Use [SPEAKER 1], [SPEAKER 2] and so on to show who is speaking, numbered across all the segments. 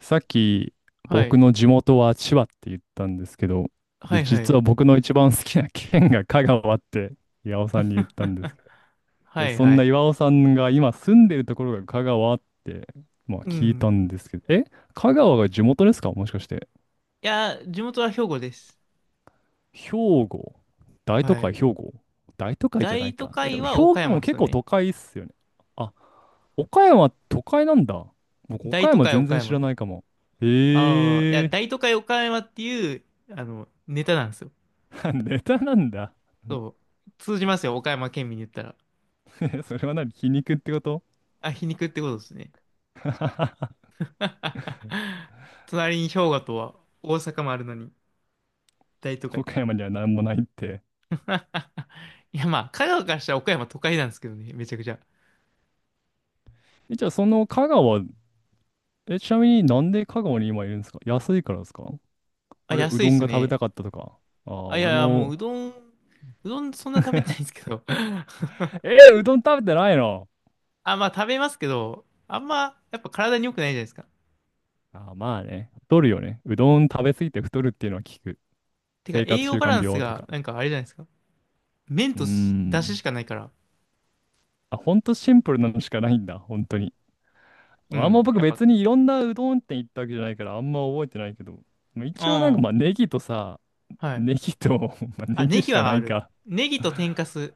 [SPEAKER 1] さっき
[SPEAKER 2] は
[SPEAKER 1] 僕
[SPEAKER 2] い。
[SPEAKER 1] の地元は千葉って言ったんですけど、で、
[SPEAKER 2] はいは
[SPEAKER 1] 実
[SPEAKER 2] い。
[SPEAKER 1] は僕の一番好きな県が香川って 岩尾さんに言ったんです けど、
[SPEAKER 2] は
[SPEAKER 1] で、
[SPEAKER 2] い
[SPEAKER 1] そん
[SPEAKER 2] は
[SPEAKER 1] な
[SPEAKER 2] い。
[SPEAKER 1] 岩尾さんが今住んでるところが香川って、まあ
[SPEAKER 2] う
[SPEAKER 1] 聞い
[SPEAKER 2] ん。
[SPEAKER 1] た
[SPEAKER 2] い
[SPEAKER 1] んですけど、え、香川が地元ですかもしかして。
[SPEAKER 2] や、地元は兵庫です。
[SPEAKER 1] 兵庫大都
[SPEAKER 2] は
[SPEAKER 1] 会
[SPEAKER 2] い。
[SPEAKER 1] 兵庫大都会じゃな
[SPEAKER 2] 大
[SPEAKER 1] い
[SPEAKER 2] 都
[SPEAKER 1] か。え、で
[SPEAKER 2] 会
[SPEAKER 1] も兵
[SPEAKER 2] は
[SPEAKER 1] 庫
[SPEAKER 2] 岡山
[SPEAKER 1] も
[SPEAKER 2] です
[SPEAKER 1] 結
[SPEAKER 2] よ
[SPEAKER 1] 構
[SPEAKER 2] ね。
[SPEAKER 1] 都会っすよね。あ、岡山都会なんだ。僕
[SPEAKER 2] 大
[SPEAKER 1] 岡
[SPEAKER 2] 都
[SPEAKER 1] 山
[SPEAKER 2] 会
[SPEAKER 1] 全
[SPEAKER 2] 岡
[SPEAKER 1] 然知ら
[SPEAKER 2] 山。
[SPEAKER 1] ないかも。
[SPEAKER 2] ああ、いや、
[SPEAKER 1] へえ、
[SPEAKER 2] 大都会岡山っていう、ネタなんですよ。
[SPEAKER 1] ネタなんだ。
[SPEAKER 2] そう。通じますよ、岡山県民に言ったら。
[SPEAKER 1] え、それは何皮肉ってこと
[SPEAKER 2] あ、皮肉ってことですね。隣に兵庫とは大阪もあるのに、大都 会。
[SPEAKER 1] 岡山には何もないって。
[SPEAKER 2] いや、まあ、香川からしたら岡山都会なんですけどね、めちゃくちゃ。
[SPEAKER 1] え、じゃあその香川、え、ちなみになんで香川に今いるんですか安いからですか
[SPEAKER 2] あ、
[SPEAKER 1] あるいはう
[SPEAKER 2] 安い
[SPEAKER 1] ど
[SPEAKER 2] っ
[SPEAKER 1] ん
[SPEAKER 2] す
[SPEAKER 1] が食べ
[SPEAKER 2] ね。
[SPEAKER 1] たかったとか。ああ、
[SPEAKER 2] あ、いや
[SPEAKER 1] 俺
[SPEAKER 2] いや、もう
[SPEAKER 1] も、
[SPEAKER 2] うどん、うどんそんな食べてないんですけど。
[SPEAKER 1] えーうどん食べてないの
[SPEAKER 2] あ、まあ食べますけど、あんまやっぱ体に良くないじゃないですか。
[SPEAKER 1] ああ、まあね。太るよね。うどん食べ過ぎて太るっていうのは聞く。
[SPEAKER 2] てか
[SPEAKER 1] 生
[SPEAKER 2] 栄
[SPEAKER 1] 活
[SPEAKER 2] 養
[SPEAKER 1] 習
[SPEAKER 2] バラ
[SPEAKER 1] 慣
[SPEAKER 2] ンス
[SPEAKER 1] 病と
[SPEAKER 2] が
[SPEAKER 1] か。
[SPEAKER 2] なんかあれじゃないですか。麺
[SPEAKER 1] うー
[SPEAKER 2] とし出汁
[SPEAKER 1] ん。
[SPEAKER 2] しかないから。
[SPEAKER 1] あ、ほんとシンプルなのしかないんだ。本当に。
[SPEAKER 2] う
[SPEAKER 1] あんま
[SPEAKER 2] ん。
[SPEAKER 1] 僕
[SPEAKER 2] やっぱ、
[SPEAKER 1] 別にいろんなうどん店行ったわけじゃないからあんま覚えてないけど。まあ
[SPEAKER 2] う
[SPEAKER 1] 一応なんかま
[SPEAKER 2] ん。
[SPEAKER 1] あネギとさ、
[SPEAKER 2] はい。
[SPEAKER 1] ネギと、まあ、
[SPEAKER 2] あ、
[SPEAKER 1] ネ
[SPEAKER 2] ネ
[SPEAKER 1] ギし
[SPEAKER 2] ギ
[SPEAKER 1] か
[SPEAKER 2] は
[SPEAKER 1] な
[SPEAKER 2] あ
[SPEAKER 1] い
[SPEAKER 2] る。
[SPEAKER 1] か。
[SPEAKER 2] ネギと天かす。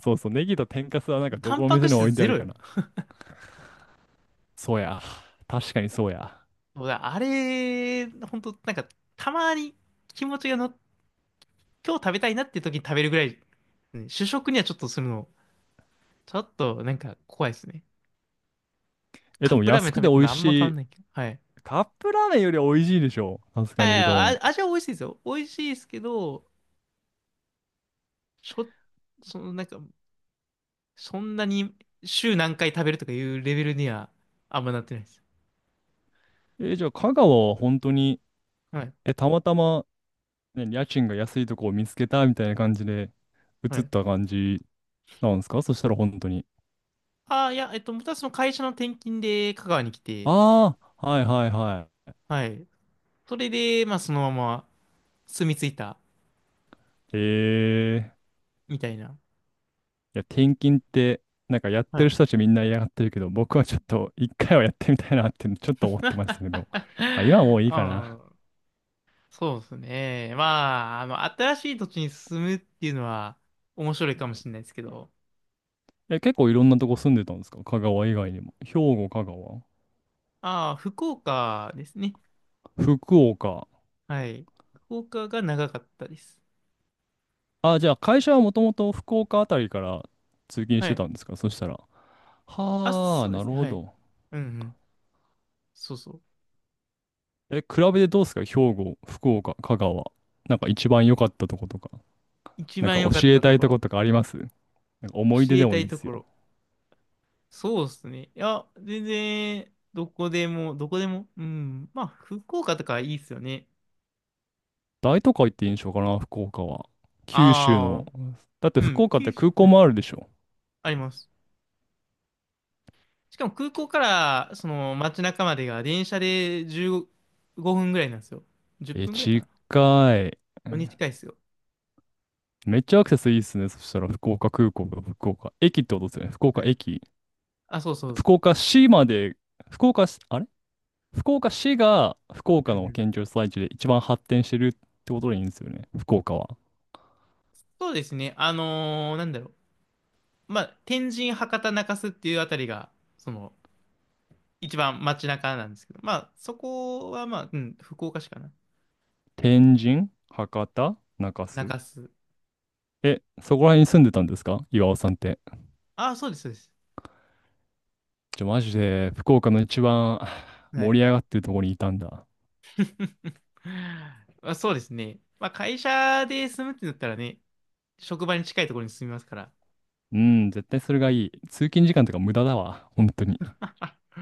[SPEAKER 1] そうそう、ネギと天かすはなんかど
[SPEAKER 2] タ
[SPEAKER 1] こ
[SPEAKER 2] ン
[SPEAKER 1] の
[SPEAKER 2] パ
[SPEAKER 1] 店
[SPEAKER 2] ク
[SPEAKER 1] にも置
[SPEAKER 2] 質
[SPEAKER 1] いてあ
[SPEAKER 2] ゼ
[SPEAKER 1] る
[SPEAKER 2] ロ
[SPEAKER 1] か
[SPEAKER 2] よ。
[SPEAKER 1] な。そうや。確かにそうや。
[SPEAKER 2] そうだあれ、ほんと、なんか、たまに気持ちがの、今日食べたいなって時に食べるぐらい、うん、主食にはちょっとするの、ちょっとなんか怖いですね。
[SPEAKER 1] え、で
[SPEAKER 2] カッ
[SPEAKER 1] も
[SPEAKER 2] プラーメ
[SPEAKER 1] 安
[SPEAKER 2] ン
[SPEAKER 1] く
[SPEAKER 2] 食
[SPEAKER 1] て
[SPEAKER 2] べ
[SPEAKER 1] 美
[SPEAKER 2] てる
[SPEAKER 1] 味
[SPEAKER 2] のあん
[SPEAKER 1] し
[SPEAKER 2] ま変わ
[SPEAKER 1] い。
[SPEAKER 2] んないけど。はい。
[SPEAKER 1] カップラーメンよりは美味しいでしょ。さす
[SPEAKER 2] あ、
[SPEAKER 1] がに
[SPEAKER 2] い
[SPEAKER 1] うど
[SPEAKER 2] や
[SPEAKER 1] ん。
[SPEAKER 2] あ味は美味しいですよ。美味しいですけど、しょ、その、なんか、そんなに週何回食べるとかいうレベルにはあんまなってないです。
[SPEAKER 1] え、じゃあ香川は本当に、
[SPEAKER 2] はい。
[SPEAKER 1] え、たまたま、ね、家賃が安いとこを見つけたみたいな感じで
[SPEAKER 2] は
[SPEAKER 1] 移っ
[SPEAKER 2] い。
[SPEAKER 1] た感じなんですかそしたら本当に。
[SPEAKER 2] ああ、いや、またその会社の転勤で香川に来て、
[SPEAKER 1] ああ、はいはいは
[SPEAKER 2] はい。それで、まあ、そのまま住み着いた、
[SPEAKER 1] い。えー、い
[SPEAKER 2] みたいな。
[SPEAKER 1] や、転勤って、なんかやっ
[SPEAKER 2] は
[SPEAKER 1] てる
[SPEAKER 2] い。
[SPEAKER 1] 人たちみんな嫌がってるけど、僕はちょっと一回はやってみたいなってちょっと思ってました けど、まあ、今はもういい
[SPEAKER 2] う
[SPEAKER 1] かな。
[SPEAKER 2] ん。そうですね。まあ、新しい土地に住むっていうのは面白いかもしれないですけど、
[SPEAKER 1] え、結構いろんなとこ住んでたんですか香川以外にも。兵庫、香川、
[SPEAKER 2] ああ、福岡ですね。
[SPEAKER 1] 福岡。
[SPEAKER 2] はい。福岡が長かったです。
[SPEAKER 1] あ、じゃあ会社はもともと福岡あたりから通勤し
[SPEAKER 2] は
[SPEAKER 1] て
[SPEAKER 2] い。
[SPEAKER 1] たんですかそしたら。
[SPEAKER 2] あ、
[SPEAKER 1] はあ、
[SPEAKER 2] そうで
[SPEAKER 1] な
[SPEAKER 2] す
[SPEAKER 1] る
[SPEAKER 2] ね。
[SPEAKER 1] ほ
[SPEAKER 2] はい。
[SPEAKER 1] ど。
[SPEAKER 2] うんうん。そうそう。
[SPEAKER 1] え、比べてどうですか兵庫、福岡、香川。なんか一番良かったとことか。
[SPEAKER 2] 一
[SPEAKER 1] なん
[SPEAKER 2] 番
[SPEAKER 1] か
[SPEAKER 2] 良かっ
[SPEAKER 1] 教え
[SPEAKER 2] た
[SPEAKER 1] た
[SPEAKER 2] と
[SPEAKER 1] い
[SPEAKER 2] こ
[SPEAKER 1] とこ
[SPEAKER 2] ろ。
[SPEAKER 1] とかありますなんか
[SPEAKER 2] 教
[SPEAKER 1] 思い出で
[SPEAKER 2] えた
[SPEAKER 1] もいい
[SPEAKER 2] い
[SPEAKER 1] で
[SPEAKER 2] と
[SPEAKER 1] す
[SPEAKER 2] こ
[SPEAKER 1] よ。
[SPEAKER 2] ろ。そうですね。いや、全然、どこでも、どこでも。うん。まあ、福岡とかいいっすよね。
[SPEAKER 1] 大都会って印象かな福岡は。九州
[SPEAKER 2] あ
[SPEAKER 1] の。
[SPEAKER 2] あ、
[SPEAKER 1] だって
[SPEAKER 2] う
[SPEAKER 1] 福
[SPEAKER 2] ん。
[SPEAKER 1] 岡って
[SPEAKER 2] 九州、
[SPEAKER 1] 空港
[SPEAKER 2] は
[SPEAKER 1] も
[SPEAKER 2] い。
[SPEAKER 1] あるでしょ。
[SPEAKER 2] あります。しかも空港から、その街中までが電車で15分ぐらいなんですよ。10
[SPEAKER 1] え、
[SPEAKER 2] 分ぐらいか
[SPEAKER 1] 近
[SPEAKER 2] な。
[SPEAKER 1] い。
[SPEAKER 2] に近いっすよ。
[SPEAKER 1] めっちゃアクセスいいっすね。そしたら、福岡空港が福岡駅ってことですよね。福岡
[SPEAKER 2] はい。
[SPEAKER 1] 駅。
[SPEAKER 2] あ、そうそう。
[SPEAKER 1] 福岡市まで、福岡市、あれ福岡市が福
[SPEAKER 2] う
[SPEAKER 1] 岡
[SPEAKER 2] んう
[SPEAKER 1] の
[SPEAKER 2] ん、
[SPEAKER 1] 県庁所在地で一番発展してるってことでいいんですよね。福岡は。
[SPEAKER 2] そうですね。まあ、天神、博多、中洲っていうあたりが、その、一番街中なんですけど、まあ、そこは、まあ、うん、福岡市かな。
[SPEAKER 1] 天神、博多、中
[SPEAKER 2] 中
[SPEAKER 1] 洲。
[SPEAKER 2] 洲。
[SPEAKER 1] え、そこら辺に住んでたんですか岩尾さんって。
[SPEAKER 2] ああ、そうです、そうです。
[SPEAKER 1] ちょ、マジで、福岡の一番
[SPEAKER 2] は
[SPEAKER 1] 盛
[SPEAKER 2] い。
[SPEAKER 1] り上がってるところにいたんだ。
[SPEAKER 2] まあ、そうですね。まあ、会社で住むってなったらね、職場に近いところに住みますから。
[SPEAKER 1] うん、絶対それがいい。通勤時間とか無駄だわ。本当に。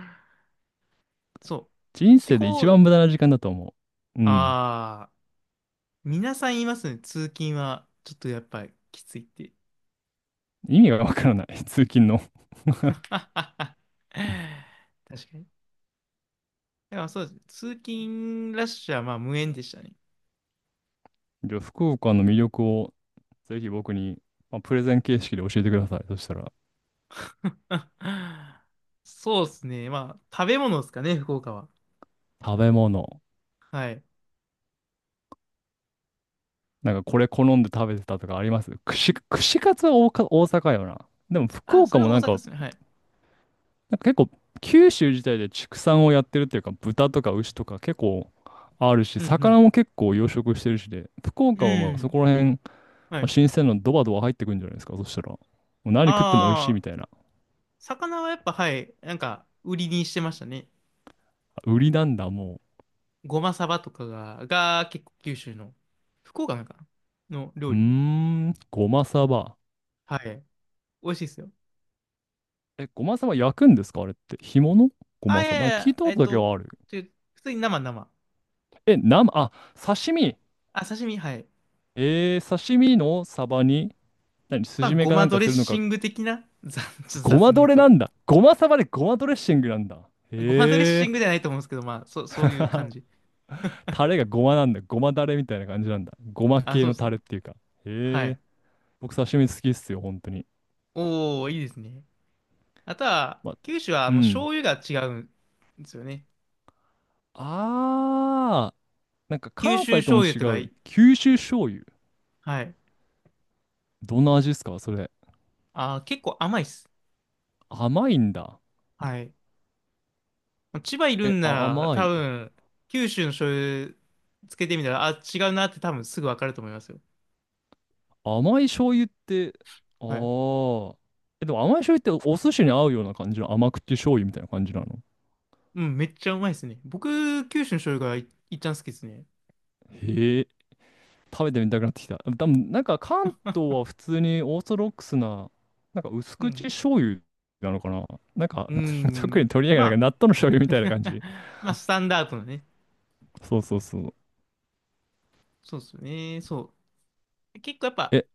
[SPEAKER 2] そう。
[SPEAKER 1] 人
[SPEAKER 2] 地
[SPEAKER 1] 生で一
[SPEAKER 2] 方だっ
[SPEAKER 1] 番無
[SPEAKER 2] た
[SPEAKER 1] 駄な時間だと思う。うん。
[SPEAKER 2] ああー、皆さん言いますね。通勤は、ちょっとやっぱりきついって。
[SPEAKER 1] 意味がわからない、通勤の。
[SPEAKER 2] 確かに。だからそうですね。通勤ラッシュはまあ無縁でしたね。
[SPEAKER 1] じゃあ、福岡の魅力をぜひ僕に、まあ、プレゼン形式で教えてください。そしたら、
[SPEAKER 2] そうですね。まあ、食べ物ですかね、福岡は。
[SPEAKER 1] 食べ物。
[SPEAKER 2] はい。
[SPEAKER 1] なんかこれ好んで食べてたとかあります串カツは大か大阪よな。でも福
[SPEAKER 2] あ、そ
[SPEAKER 1] 岡
[SPEAKER 2] れ
[SPEAKER 1] も
[SPEAKER 2] は
[SPEAKER 1] な
[SPEAKER 2] 大
[SPEAKER 1] ん
[SPEAKER 2] 阪で
[SPEAKER 1] か、
[SPEAKER 2] すね。はい。
[SPEAKER 1] なんか結構九州自体で畜産をやってるっていうか、豚とか牛とか結構あるし、
[SPEAKER 2] う
[SPEAKER 1] 魚
[SPEAKER 2] ん
[SPEAKER 1] も結構養殖してるしで、福
[SPEAKER 2] うん。
[SPEAKER 1] 岡はま
[SPEAKER 2] う
[SPEAKER 1] あそ
[SPEAKER 2] ん。
[SPEAKER 1] こら辺、ま
[SPEAKER 2] は
[SPEAKER 1] あ
[SPEAKER 2] い。
[SPEAKER 1] 新鮮なのドバドバ入ってくるんじゃないですか。そしたら、もう何食っても美味しい
[SPEAKER 2] あ
[SPEAKER 1] み
[SPEAKER 2] あ、
[SPEAKER 1] たいな。
[SPEAKER 2] 魚はやっぱ、はい。なんか、売りにしてましたね。
[SPEAKER 1] 売りなんだ、もう。
[SPEAKER 2] ごまさばとかが、が結構九州の、福岡なんかなの
[SPEAKER 1] う
[SPEAKER 2] 料
[SPEAKER 1] ー
[SPEAKER 2] 理。
[SPEAKER 1] ん、ごまさば。
[SPEAKER 2] はい。美味しいですよ。
[SPEAKER 1] え、ごまさば焼くんですかあれって。干物ご
[SPEAKER 2] あ、
[SPEAKER 1] ま
[SPEAKER 2] い
[SPEAKER 1] さ
[SPEAKER 2] や
[SPEAKER 1] ば。
[SPEAKER 2] い
[SPEAKER 1] なんか聞い
[SPEAKER 2] や、
[SPEAKER 1] たことだけはある。
[SPEAKER 2] ちょ普通に生生。
[SPEAKER 1] え、生、あ、刺身。
[SPEAKER 2] あ、刺身、はい。
[SPEAKER 1] えー、刺身のサバに、何、
[SPEAKER 2] まあ、
[SPEAKER 1] 筋目
[SPEAKER 2] ご
[SPEAKER 1] かな
[SPEAKER 2] ま
[SPEAKER 1] んか
[SPEAKER 2] ドレ
[SPEAKER 1] す
[SPEAKER 2] ッ
[SPEAKER 1] るの
[SPEAKER 2] シ
[SPEAKER 1] か。
[SPEAKER 2] ング的な、ちょっと
[SPEAKER 1] ご
[SPEAKER 2] 雑
[SPEAKER 1] ま
[SPEAKER 2] に言
[SPEAKER 1] ド
[SPEAKER 2] う
[SPEAKER 1] レな
[SPEAKER 2] と。
[SPEAKER 1] んだ。ごまサバでごまドレッシングなんだ。
[SPEAKER 2] ごまドレッ
[SPEAKER 1] へ
[SPEAKER 2] シングじ
[SPEAKER 1] え。
[SPEAKER 2] ゃないと思うんですけど、まあ、そういう感 じ。
[SPEAKER 1] タレがごまなんだ。ごまだれみたいな感じなんだ。ごま
[SPEAKER 2] あ、
[SPEAKER 1] 系
[SPEAKER 2] そう
[SPEAKER 1] の
[SPEAKER 2] です
[SPEAKER 1] タ
[SPEAKER 2] ね。
[SPEAKER 1] レっていうか。
[SPEAKER 2] は
[SPEAKER 1] へえ。
[SPEAKER 2] い。
[SPEAKER 1] 僕刺身好きっすよ、本当に。
[SPEAKER 2] おー、いいですね。あとは、
[SPEAKER 1] ま、
[SPEAKER 2] 九州は
[SPEAKER 1] う
[SPEAKER 2] 醤
[SPEAKER 1] ん。
[SPEAKER 2] 油が違うんですよね。
[SPEAKER 1] あー、なんか
[SPEAKER 2] 九
[SPEAKER 1] 関
[SPEAKER 2] 州
[SPEAKER 1] 西とも
[SPEAKER 2] 醤油
[SPEAKER 1] 違
[SPEAKER 2] とか
[SPEAKER 1] う。
[SPEAKER 2] い、
[SPEAKER 1] 九州醤油。
[SPEAKER 2] はい。
[SPEAKER 1] どんな味ですかそれ。
[SPEAKER 2] あー、結構甘いっす。
[SPEAKER 1] 甘いんだ。
[SPEAKER 2] はい。千葉いる
[SPEAKER 1] え、
[SPEAKER 2] んな
[SPEAKER 1] あ、
[SPEAKER 2] ら、
[SPEAKER 1] 甘
[SPEAKER 2] 多
[SPEAKER 1] い。
[SPEAKER 2] 分、九州の醤油つけてみたら、あ、違うなって多分すぐわかると思いますよ。
[SPEAKER 1] 甘い醤油って、あ
[SPEAKER 2] はい。
[SPEAKER 1] あ。え、でも甘い醤油ってお寿司に合うような感じの甘口醤油みたいな感じなの。
[SPEAKER 2] うん、めっちゃうまいですね。僕、九州の醤油がい、いっちゃん好きですね。
[SPEAKER 1] へえ、食べてみたくなってきた。多分なんか関東は普通にオーソドックスな、なんか薄
[SPEAKER 2] う
[SPEAKER 1] 口
[SPEAKER 2] ん。
[SPEAKER 1] 醤油なのかな。なんか、
[SPEAKER 2] うー
[SPEAKER 1] 特
[SPEAKER 2] ん。
[SPEAKER 1] に取り上
[SPEAKER 2] ま
[SPEAKER 1] げない、なん
[SPEAKER 2] あ、
[SPEAKER 1] か納豆の醤油みたいな感じ。
[SPEAKER 2] まあ、スタンダードのね。
[SPEAKER 1] そうそうそう。
[SPEAKER 2] そうですよね。そう。結構やっぱ、
[SPEAKER 1] え、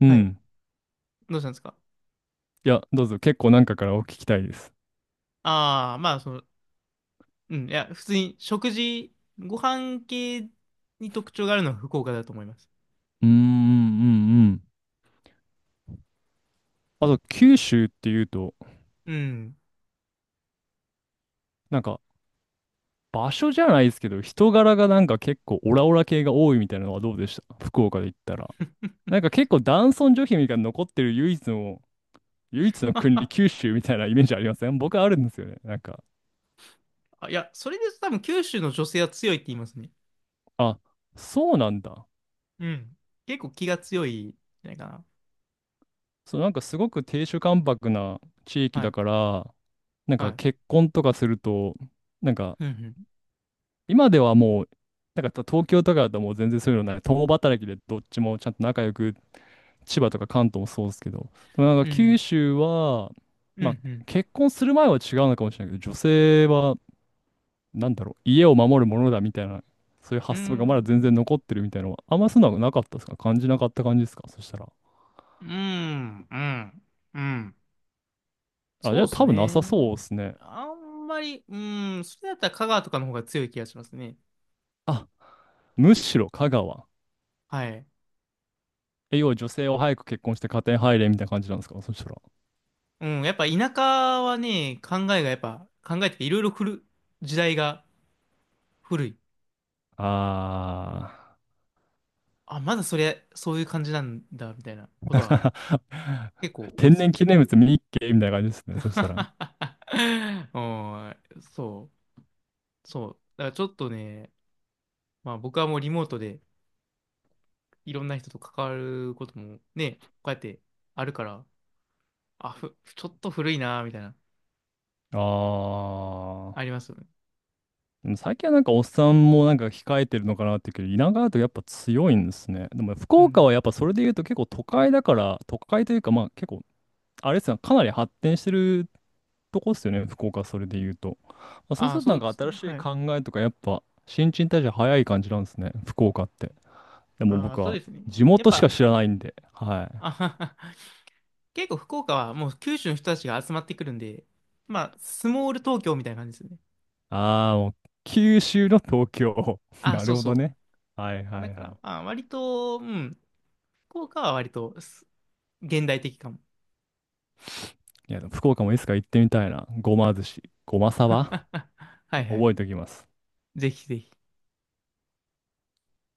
[SPEAKER 1] う
[SPEAKER 2] はい。
[SPEAKER 1] ん。
[SPEAKER 2] どうしたんですか？
[SPEAKER 1] いや、どうぞ、結構なんかからお聞きたいです。
[SPEAKER 2] ああ、いや、普通に食事、ご飯系に特徴があるのは福岡だと思います。
[SPEAKER 1] うーん、うん、うん。あと、九州っていうと、
[SPEAKER 2] うん。
[SPEAKER 1] なんか、場所じゃないですけど、人柄がなんか結構オラオラ系が多いみたいなのはどうでした福岡で言ったら。なんか結構男尊女卑みたいなの残ってる唯一の国、九州みたいなイメージありません僕あるんですよね。なんか、
[SPEAKER 2] あ、いや、それで多分九州の女性は強いって言いますね。
[SPEAKER 1] あ、そうなんだ。
[SPEAKER 2] うん。結構気が強いんじゃないかな。
[SPEAKER 1] そう、なんかすごく亭主関白な地域
[SPEAKER 2] は
[SPEAKER 1] だ
[SPEAKER 2] い。
[SPEAKER 1] から、なん
[SPEAKER 2] は
[SPEAKER 1] か
[SPEAKER 2] い。
[SPEAKER 1] 結婚とかすると、なんか
[SPEAKER 2] うん、
[SPEAKER 1] 今ではもう、なんか東京とかだともう全然そういうのない。共働きでどっちもちゃんと仲良く、千葉とか関東もそうですけど、でもなんか
[SPEAKER 2] う
[SPEAKER 1] 九
[SPEAKER 2] ん。
[SPEAKER 1] 州は、
[SPEAKER 2] う
[SPEAKER 1] まあ
[SPEAKER 2] ん、うん。
[SPEAKER 1] 結婚する前は違うのかもしれないけど、女性は、なんだろう、家を守るものだみたいな、そういう
[SPEAKER 2] う
[SPEAKER 1] 発想がまだ全然
[SPEAKER 2] ん、
[SPEAKER 1] 残ってるみたいなのは、あんまそんなのなかったですか感じなかった感じですかそしたら。
[SPEAKER 2] うん、うん。うん。
[SPEAKER 1] あ、じゃ
[SPEAKER 2] そう
[SPEAKER 1] あ
[SPEAKER 2] です
[SPEAKER 1] 多分なさ
[SPEAKER 2] ね。
[SPEAKER 1] そうですね。
[SPEAKER 2] あんまり、うん、それだったら香川とかの方が強い気がしますね。
[SPEAKER 1] あ、むしろ香川。
[SPEAKER 2] はい。
[SPEAKER 1] え、要は女性を早く結婚して家庭入れみたいな感じなんですかそしたら。
[SPEAKER 2] うん、やっぱ田舎はね、考えがやっぱ、考えていろいろ古る、時代が古い。
[SPEAKER 1] あー。
[SPEAKER 2] あ、まだそれ、そういう感じなんだ、みたいなことは 結構多い
[SPEAKER 1] 天
[SPEAKER 2] です
[SPEAKER 1] 然
[SPEAKER 2] よ。
[SPEAKER 1] 記念物見に行けみたいな感じですね。そしたら。
[SPEAKER 2] おん、そう、そう。だからちょっとね、まあ僕はもうリモートでいろんな人と関わることもね、こうやってあるから、あ、ふ、ちょっと古いな、みたいな、
[SPEAKER 1] あ
[SPEAKER 2] あり
[SPEAKER 1] ー。
[SPEAKER 2] ますよね。
[SPEAKER 1] でも最近はなんかおっさんもなんか控えてるのかなっていうけど、田舎だとやっぱ強いんですね。でも福
[SPEAKER 2] う
[SPEAKER 1] 岡
[SPEAKER 2] ん。
[SPEAKER 1] はやっぱそれで言うと結構都会だから、都会というかまあ結構、あれですね、かなり発展してるとこっすよね、福岡それで言うと。まあ、そうす
[SPEAKER 2] あ、
[SPEAKER 1] るとな
[SPEAKER 2] そ
[SPEAKER 1] ん
[SPEAKER 2] う
[SPEAKER 1] か
[SPEAKER 2] です
[SPEAKER 1] 新
[SPEAKER 2] ね。
[SPEAKER 1] しい
[SPEAKER 2] はい。
[SPEAKER 1] 考えとかやっぱ新陳代謝早い感じなんですね、福岡って。でも
[SPEAKER 2] あ、
[SPEAKER 1] 僕
[SPEAKER 2] そう
[SPEAKER 1] は
[SPEAKER 2] ですね。
[SPEAKER 1] 地
[SPEAKER 2] やっ
[SPEAKER 1] 元しか
[SPEAKER 2] ぱ、
[SPEAKER 1] 知らないんで、はい。
[SPEAKER 2] あはは結構福岡はもう九州の人たちが集まってくるんで、まあ、スモール東京みたいな感じですよね。
[SPEAKER 1] ああ、もう九州の東京。
[SPEAKER 2] あ、
[SPEAKER 1] な
[SPEAKER 2] そ
[SPEAKER 1] る
[SPEAKER 2] う
[SPEAKER 1] ほど
[SPEAKER 2] そ
[SPEAKER 1] ね。はい
[SPEAKER 2] う。
[SPEAKER 1] は
[SPEAKER 2] だ
[SPEAKER 1] い
[SPEAKER 2] か
[SPEAKER 1] は
[SPEAKER 2] ら、
[SPEAKER 1] い。
[SPEAKER 2] あ、割と、うん、福岡は割と現代的かも。
[SPEAKER 1] いや、でも福岡もいつか行ってみたいな。ごま寿司、ごまさば
[SPEAKER 2] はいはい。
[SPEAKER 1] 覚えておきます。
[SPEAKER 2] ぜひぜひ。